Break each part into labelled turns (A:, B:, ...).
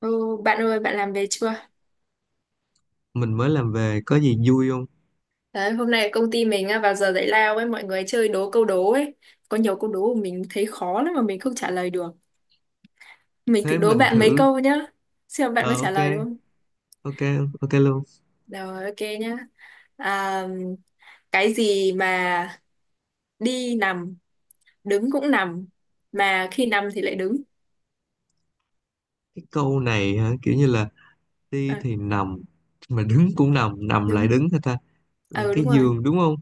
A: Ừ, bạn ơi, bạn làm về chưa?
B: Mình mới làm về, có gì vui không?
A: Đấy, hôm nay công ty mình á, vào giờ giải lao ấy, mọi người chơi đố câu đố ấy. Có nhiều câu đố mà mình thấy khó lắm mà mình không trả lời được. Mình thử
B: Thế
A: đố
B: mình
A: bạn mấy
B: thử.
A: câu nhá. Xem bạn có
B: Ờ
A: trả
B: ok.
A: lời được không?
B: Ok. Ok luôn.
A: Rồi, ok nhá. À, cái gì mà đi nằm, đứng cũng nằm, mà khi nằm thì lại đứng.
B: Cái câu này hả? Kiểu như là đi
A: À,
B: thì nằm, mà đứng cũng nằm, nằm
A: đúng.
B: lại đứng hả ta? Là
A: Ừ, đúng
B: cái
A: rồi.
B: giường đúng không?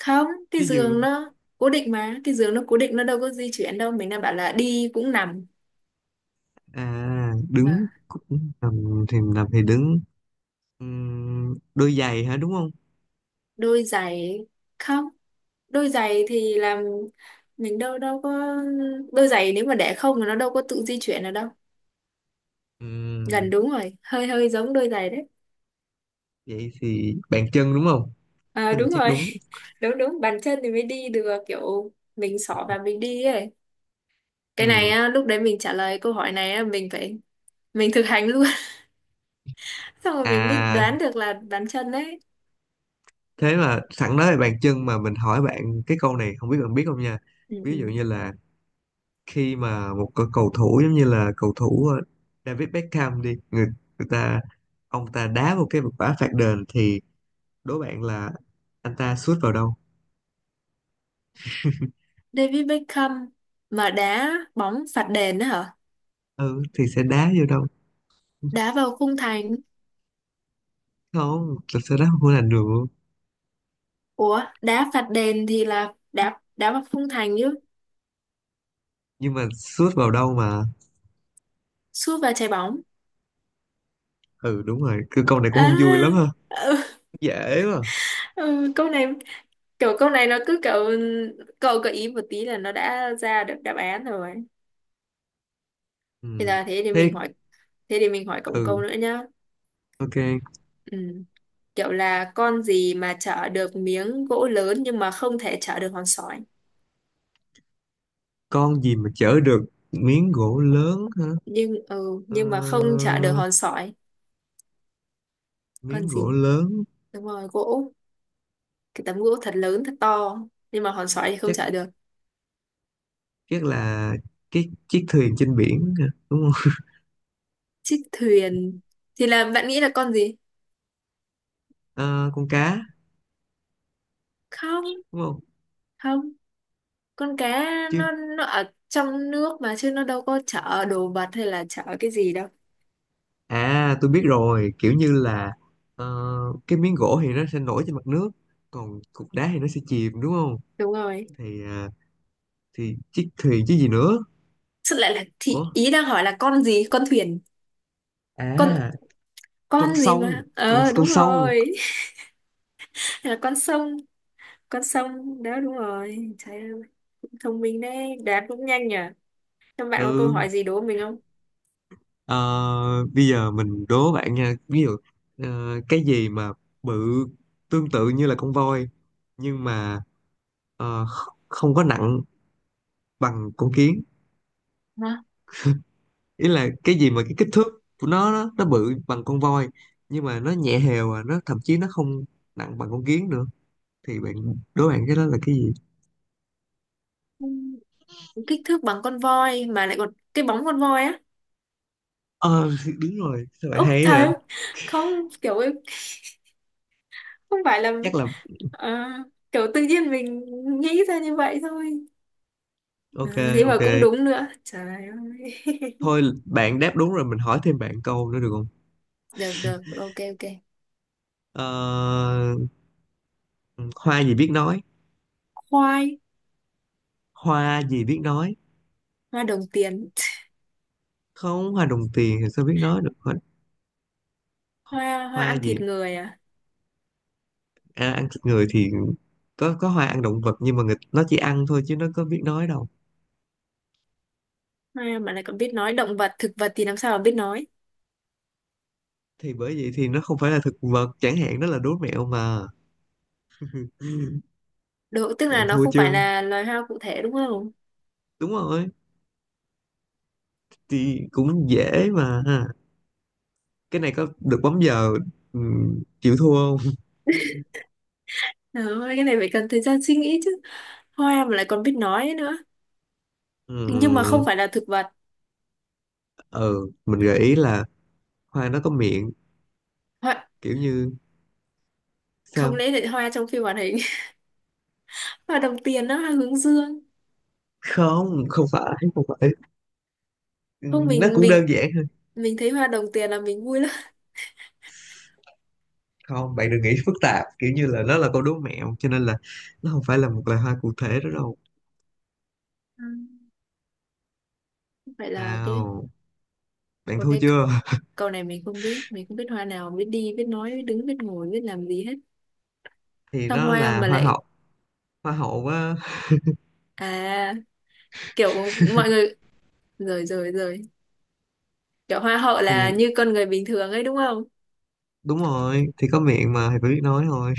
A: Không, cái
B: Cái
A: giường
B: giường.
A: nó cố định mà. Cái giường nó cố định, nó đâu có di chuyển đâu. Mình đang bảo là đi cũng nằm.
B: À, đứng
A: À,
B: cũng nằm, thì nằm thì đứng. Đôi giày hả, đúng không?
A: đôi giày không, đôi giày thì làm mình đâu đâu có đôi giày, nếu mà để không thì nó đâu có tự di chuyển được đâu. Gần
B: Ừm,
A: đúng rồi, hơi hơi giống đôi giày đấy.
B: Vậy thì bàn chân đúng không?
A: À,
B: Cái này
A: đúng
B: chắc
A: rồi.
B: đúng.
A: Đúng, đúng, bàn chân thì mới đi được, kiểu mình xỏ và mình đi ấy. Cái này
B: Ừm,
A: á, lúc đấy mình trả lời câu hỏi này á, mình phải mình thực hành luôn. Xong rồi mình mới
B: À,
A: đoán được là bàn chân đấy.
B: thế mà sẵn nói về bàn chân, mà mình hỏi bạn cái câu này, không biết bạn biết không nha.
A: Ừ,
B: Ví dụ
A: ừ.
B: như là khi mà một cái cầu thủ, giống như là cầu thủ David Beckham đi, người người ta, ông ta đá một cái quả phạt đền, thì đố bạn là anh ta sút vào đâu?
A: David Beckham mà đá bóng phạt đền đó hả?
B: Ừ, thì sẽ đá vô đâu?
A: Đá vào khung thành.
B: Không, thật sự đá không có làm được.
A: Ủa, đá phạt đền thì là đá đá vào khung thành chứ,
B: Nhưng mà sút vào đâu mà?
A: sút vào trái bóng.
B: Ừ, đúng rồi, cứ câu này
A: À,
B: cũng không vui lắm ha.
A: ừ,
B: Dễ mà.
A: ừ, câu này, kiểu câu này nó cứ kiểu cậu gợi ý một tí là nó đã ra được đáp án rồi.
B: Ừ.
A: Bây giờ thế thì
B: Thế.
A: mình hỏi, thế thì mình hỏi cộng câu
B: Ừ.
A: nữa nhá.
B: Ok.
A: Ừ. Kiểu là con gì mà chở được miếng gỗ lớn nhưng mà không thể chở được hòn sỏi.
B: Con gì mà chở được miếng gỗ lớn hả?
A: Nhưng
B: Ờ,
A: nhưng mà không chở được hòn sỏi. Con
B: miếng gỗ
A: gì?
B: lớn.
A: Đúng rồi, gỗ. Cái tấm gỗ thật lớn thật to nhưng mà hòn sỏi thì không
B: chắc
A: chở được.
B: chắc là cái chiếc thuyền trên biển hả, đúng không?
A: Chiếc thuyền thì là bạn nghĩ là con gì?
B: Ờ, con cá.
A: Không,
B: Đúng không?
A: không, con cá
B: Chứ.
A: nó ở trong nước mà chứ nó đâu có chở đồ vật hay là chở cái gì đâu.
B: À, tôi biết rồi, kiểu như là ờ, cái miếng gỗ thì nó sẽ nổi trên mặt nước, còn cục đá thì nó sẽ chìm đúng không?
A: Đúng rồi.
B: Thì à, thì chiếc thuyền chứ gì nữa.
A: Xuất lại là thì
B: Ủa.
A: ý đang hỏi là con gì? Con thuyền. Con
B: À. Con
A: con gì
B: sông.
A: mà?
B: con
A: Ờ đúng
B: con sông.
A: rồi. Hay là con sông đó đúng rồi. Trời ơi, cũng thông minh đấy, đoán cũng nhanh nhỉ. Các bạn có câu
B: Ừ.
A: hỏi gì đố mình không?
B: ờ, Bây giờ mình đố bạn nha, ví dụ, cái gì mà bự tương tự như là con voi, nhưng mà không có nặng bằng con kiến.
A: Hả?
B: Ý là cái gì mà cái kích thước của nó bự bằng con voi, nhưng mà nó nhẹ hều à, nó thậm chí nó không nặng bằng con kiến nữa. Thì bạn Đố bạn cái đó là cái gì?
A: Kích thước bằng con voi mà lại còn cái bóng con voi á.
B: Ờ thì đúng rồi, sao bạn
A: Úc
B: hay
A: trời
B: vậy?
A: ơi. Không kiểu, không phải là
B: Chắc là.
A: ờ, kiểu tự nhiên mình nghĩ ra như vậy thôi.
B: Ok.
A: Ừ, thế mà
B: Ok.
A: cũng đúng nữa trời ơi.
B: Thôi bạn đáp đúng rồi, mình hỏi thêm bạn câu nữa được không?
A: Được được, ok ok.
B: ờ, Hoa gì biết nói?
A: Khoai.
B: Hoa gì biết nói?
A: Hoa đồng tiền.
B: Không, hoa đồng tiền thì sao biết nói được, hoa,
A: Hoa, hoa
B: hoa
A: ăn thịt
B: gì?
A: người à?
B: À, ăn thịt người thì có hoa ăn động vật, nhưng mà người, nó chỉ ăn thôi chứ nó có biết nói đâu.
A: Hoa mà lại còn biết nói, động vật thực vật thì làm sao mà biết nói.
B: Thì bởi vậy thì nó không phải là thực vật chẳng hạn, đó là đố mẹo mà. Ừ.
A: Độ, tức là
B: Bạn
A: nó
B: thua
A: không phải
B: chưa?
A: là loài hoa cụ thể đúng không?
B: Đúng rồi. Thì cũng dễ mà. Cái này có được bấm giờ. Ừ, chịu thua không?
A: Trời, cái này phải cần thời gian suy nghĩ chứ, hoa mà lại còn biết nói nữa,
B: Ừ,
A: nhưng mà không phải là thực vật.
B: ừ, mình gợi ý là hoa nó có miệng.
A: Hoa,
B: Kiểu như.
A: không
B: Sao?
A: lẽ lại hoa trong phim hoạt hình. Hoa đồng tiền đó, hoa hướng dương.
B: Không, không phải. Không phải. Ừ.
A: Không
B: Nó
A: mình
B: cũng đơn
A: mình
B: giản hơn.
A: mình thấy hoa đồng tiền là mình vui lắm.
B: Không, bạn đừng nghĩ phức tạp, kiểu như là nó là câu đố mẹo cho nên là nó không phải là một loài hoa cụ thể đó đâu.
A: Ừ. Vậy là cái,
B: Nào. Bạn
A: một
B: thua
A: cái
B: chưa?
A: câu này mình không biết, mình không biết hoa nào biết đi biết nói biết đứng biết ngồi biết làm gì hết.
B: Thì
A: Sao
B: nó
A: hoa
B: là
A: mà
B: hoa
A: lại,
B: hậu. Hoa hậu á.
A: à kiểu mọi người, rồi rồi rồi, kiểu hoa hậu là
B: Thì
A: như con người bình thường ấy đúng không?
B: đúng rồi, thì có miệng mà thì phải biết nói thôi.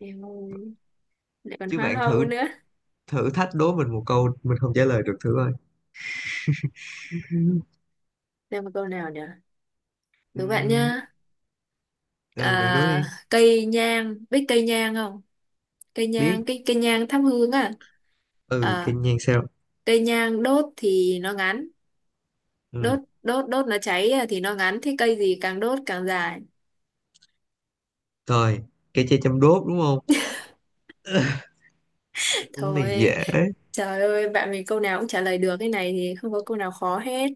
A: Em ơi, lại còn
B: Chứ
A: hoa
B: bạn
A: hậu
B: thử
A: nữa.
B: thử thách đố mình một câu mình không trả lời được thử coi. Ừ.
A: Xem một câu nào nhỉ, đố bạn
B: Ừ,
A: nhá.
B: ừ, bạn đố đi.
A: À, cây nhang, biết cây nhang không? Cây
B: Biết.
A: nhang, cây cây nhang thắp hương à.
B: Ừ, cái
A: À,
B: nhan sao?
A: cây nhang đốt thì nó ngắn, đốt
B: Ừ.
A: đốt đốt nó cháy à, thì nó ngắn, thế cây gì càng đốt càng dài.
B: Rồi. Cái chai chăm đốt đúng không? Cũng này
A: Thôi
B: dễ.
A: trời ơi, bạn mình câu nào cũng trả lời được, cái này thì không có câu nào khó hết.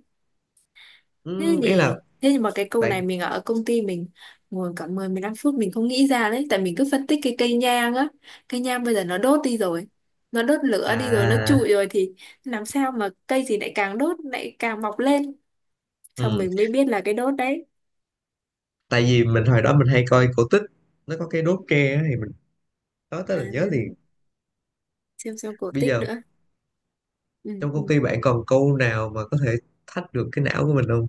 A: Thế
B: Ừ, ý là.
A: nhỉ, thế nhưng mà cái câu này
B: Bạn.
A: mình ở công ty mình ngồi cả 10 15 phút mình không nghĩ ra đấy, tại mình cứ phân tích cái cây nhang á. Cây nhang bây giờ nó đốt đi rồi, nó đốt lửa đi rồi nó
B: À.
A: trụi rồi thì làm sao mà cây gì lại càng đốt lại càng mọc lên. Xong
B: Ừ.
A: mình mới biết là cái đốt đấy.
B: Tại vì mình hồi đó mình hay coi cổ tích, nó có cái đốt tre á, thì mình nói tới
A: À,
B: là nhớ liền.
A: xem cổ
B: Bây
A: tích
B: giờ.
A: nữa. Ừ,
B: Trong công
A: ừ.
B: ty bạn còn câu nào mà có thể thách được cái não của mình không?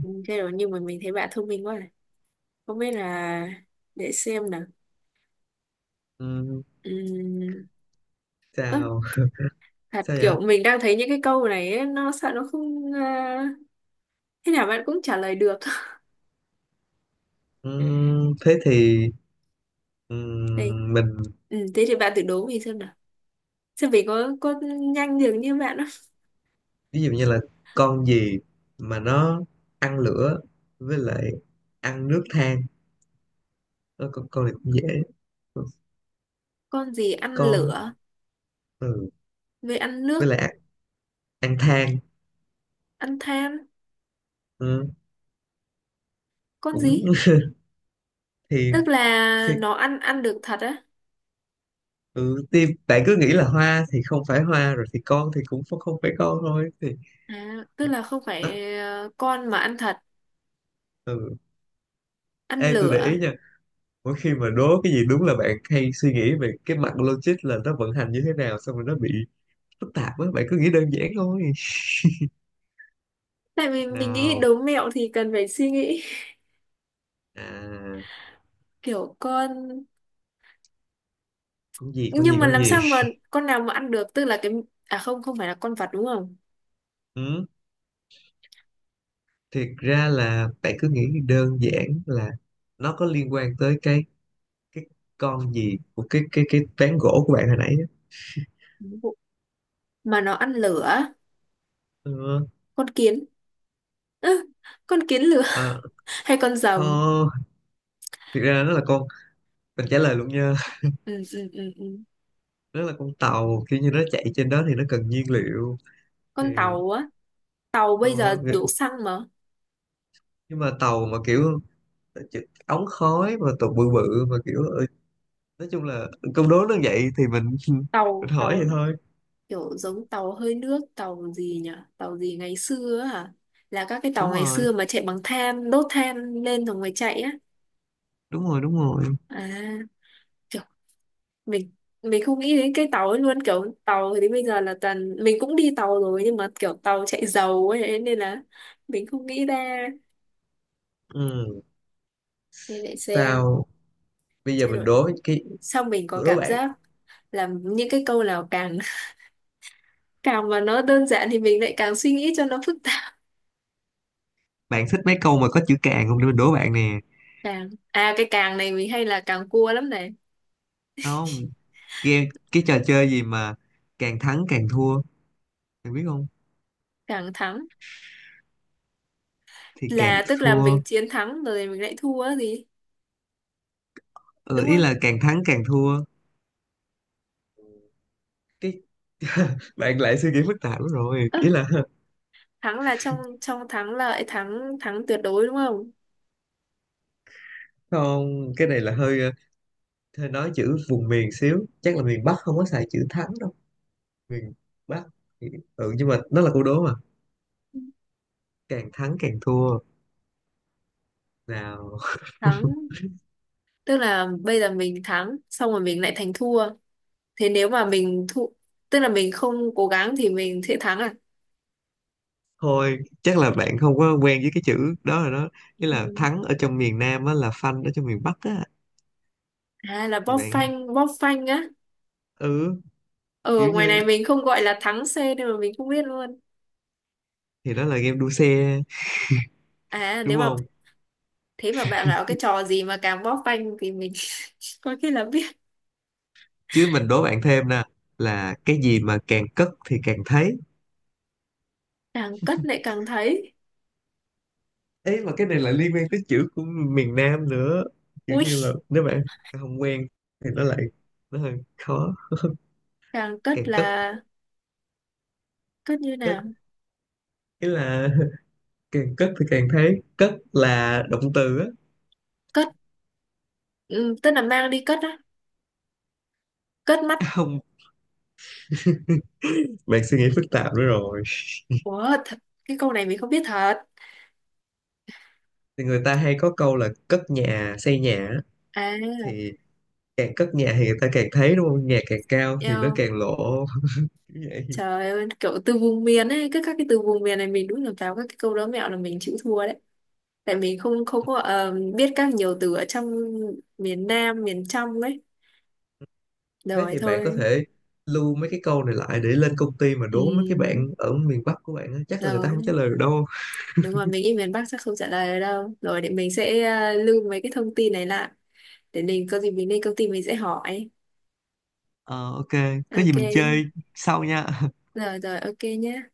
A: Ừ, thế rồi nhưng mà mình thấy bạn thông minh quá à. Không biết là, để xem nào.
B: Ừ,
A: Ừm, ơ,
B: sao?
A: thật
B: Sao vậy?
A: kiểu mình đang thấy những cái câu này ấy, nó sợ nó không à, thế nào bạn cũng trả lời được.
B: Ừ, thế thì
A: Đây,
B: Mình.
A: ừ, thế thì bạn thử đố mình xem nào, xem mình có nhanh được như bạn không.
B: Ví dụ như là con gì mà nó ăn lửa với lại ăn nước, than. Ờ, con này cũng dễ.
A: Con gì ăn
B: Con.
A: lửa,
B: Ừ.
A: với ăn
B: Với
A: nước,
B: lại ăn than.
A: ăn than.
B: Ừ.
A: Con
B: Cũng.
A: gì,
B: Thì.
A: tức là
B: Thì.
A: nó ăn ăn được thật á?
B: Ừ, thì bạn cứ nghĩ là hoa thì không phải hoa, rồi thì con thì cũng không không phải con thôi thì.
A: À, tức là không
B: Đó.
A: phải con mà ăn thật,
B: Ừ.
A: ăn
B: Ê tôi để ý
A: lửa.
B: nha, mỗi khi mà đố cái gì đúng là bạn hay suy nghĩ về cái mặt logic là nó vận hành như thế nào, xong rồi nó bị phức tạp á, bạn cứ nghĩ đơn giản thôi.
A: Tại vì mình nghĩ
B: Nào.
A: đố mẹo thì cần phải suy nghĩ.
B: À,
A: Kiểu con,
B: con gì, con gì,
A: nhưng mà
B: con
A: làm
B: gì?
A: sao mà con nào mà ăn được, tức là cái, à không không phải là con vật đúng không?
B: Ừ. Thiệt ra là bạn cứ nghĩ đơn giản là nó có liên quan tới cái con gì của cái ván gỗ của bạn hồi nãy á.
A: Đúng rồi. Mà nó ăn lửa.
B: Ừ.
A: Con kiến. Ư, con kiến lửa.
B: À,
A: Hay con
B: kho.
A: rồng.
B: Thiệt ra nó là con. Mình trả lời luôn nha.
A: Ừ, ừ, ừ, ừ.
B: Nó là con tàu, kiểu như nó chạy trên đó thì nó cần nhiên liệu. Thì.
A: Con tàu á? Tàu
B: ờ,
A: bây giờ đổ xăng mà.
B: nhưng mà tàu mà kiểu ống khói mà tụ bự bự mà kiểu nói chung là câu đố nó vậy thì mình. Mình
A: tàu
B: hỏi vậy
A: tàu
B: thôi.
A: kiểu giống tàu hơi nước, tàu gì nhỉ, tàu gì ngày xưa á hả, là các cái tàu
B: Đúng
A: ngày
B: rồi,
A: xưa mà chạy bằng than đốt than lên rồi mới chạy á.
B: đúng rồi, đúng rồi.
A: À mình mình không nghĩ đến cái tàu ấy luôn, kiểu tàu thì đến bây giờ là toàn mình cũng đi tàu rồi nhưng mà kiểu tàu chạy dầu ấy, thế nên là mình không nghĩ ra.
B: Ừ.
A: Nên để xem
B: Sao? Bây giờ
A: chế độ.
B: mình đố cái.
A: Xong mình có
B: Đố
A: cảm
B: bạn.
A: giác là những cái câu nào càng càng mà nó đơn giản thì mình lại càng suy nghĩ cho nó phức tạp.
B: Bạn thích mấy câu mà có chữ càng không, để mình đố bạn nè.
A: Càng à, cái càng này mình hay là càng cua lắm này.
B: Không. Game cái trò chơi gì mà càng thắng càng thua, bạn biết không?
A: Càng thắng,
B: Thì càng
A: là tức là
B: thua.
A: mình chiến thắng rồi mình lại thua á gì
B: Ừ,
A: đúng
B: ý
A: không?
B: là càng thắng càng thua. Cái bạn lại suy nghĩ phức tạp lắm rồi
A: Ơ,
B: ý là.
A: thắng là trong trong thắng lợi, thắng thắng tuyệt đối đúng không?
B: Không, cái này là hơi hơi nói chữ vùng miền xíu, chắc là miền Bắc không có xài chữ thắng đâu. Miền. Bắc. Ừ, nhưng mà nó là câu đố mà. Càng thắng càng thua. Nào.
A: Thắng tức là bây giờ mình thắng xong rồi mình lại thành thua, thế nếu mà mình thua tức là mình không cố gắng thì mình sẽ thắng à?
B: Thôi chắc là bạn không có quen với cái chữ đó rồi đó. Nghĩa là
A: Ừ.
B: thắng ở trong miền Nam á là phanh ở trong miền Bắc á.
A: À là
B: Thì
A: bóp
B: bạn.
A: phanh, bóp phanh á.
B: Ừ. Kiểu
A: Ở ngoài
B: như.
A: này mình không gọi là thắng xe nên mà mình không biết luôn.
B: Thì đó là game đua xe
A: À
B: đúng
A: nếu mà,
B: không?
A: thế mà bạn bảo cái trò gì mà càng bóp phanh thì mình có khi là biết.
B: Chứ mình đố bạn thêm nè. Là cái gì mà càng cất thì càng thấy?
A: Càng cất lại càng thấy.
B: Ấy mà cái này là liên quan tới chữ của miền Nam nữa. Kiểu
A: Ui,
B: như là nếu bạn không quen thì nó lại nó hơi khó.
A: càng cất
B: Càng cất.
A: là cất như
B: Cất.
A: nào?
B: Ý là. Càng cất thì càng thấy, cất là động từ á.
A: Cất, ừ, tức là mang đi cất á, cất mắt.
B: Không, bạn suy nghĩ phức tạp nữa rồi.
A: Ủa thật, cái câu này mình không biết thật.
B: Thì người ta hay có câu là cất nhà, xây nhà á.
A: À,
B: Thì. Càng cất nhà thì người ta càng thấy đúng không? Nhà càng cao thì nó càng lỗ. Kiểu vậy.
A: trời ơi, kiểu từ vùng miền ấy, cứ các cái từ vùng miền này mình đúng là vào các cái câu đố mẹo là mình chịu thua đấy. Tại mình không không có biết các nhiều từ ở trong miền Nam, miền trong ấy.
B: Thế
A: Rồi
B: thì bạn có
A: thôi.
B: thể lưu mấy cái câu này lại để lên công ty mà đố mấy cái
A: Ừ,
B: bạn ở miền Bắc của bạn á, chắc là người ta không trả
A: rồi,
B: lời được đâu.
A: đúng rồi, mình nghĩ miền Bắc chắc không trả lời được đâu. Rồi để mình sẽ lưu mấy cái thông tin này lại. Để mình có gì mình lên công ty mình sẽ hỏi.
B: Ờ ok. Có gì mình chơi
A: Ok,
B: sau nha.
A: rồi rồi, ok nhé.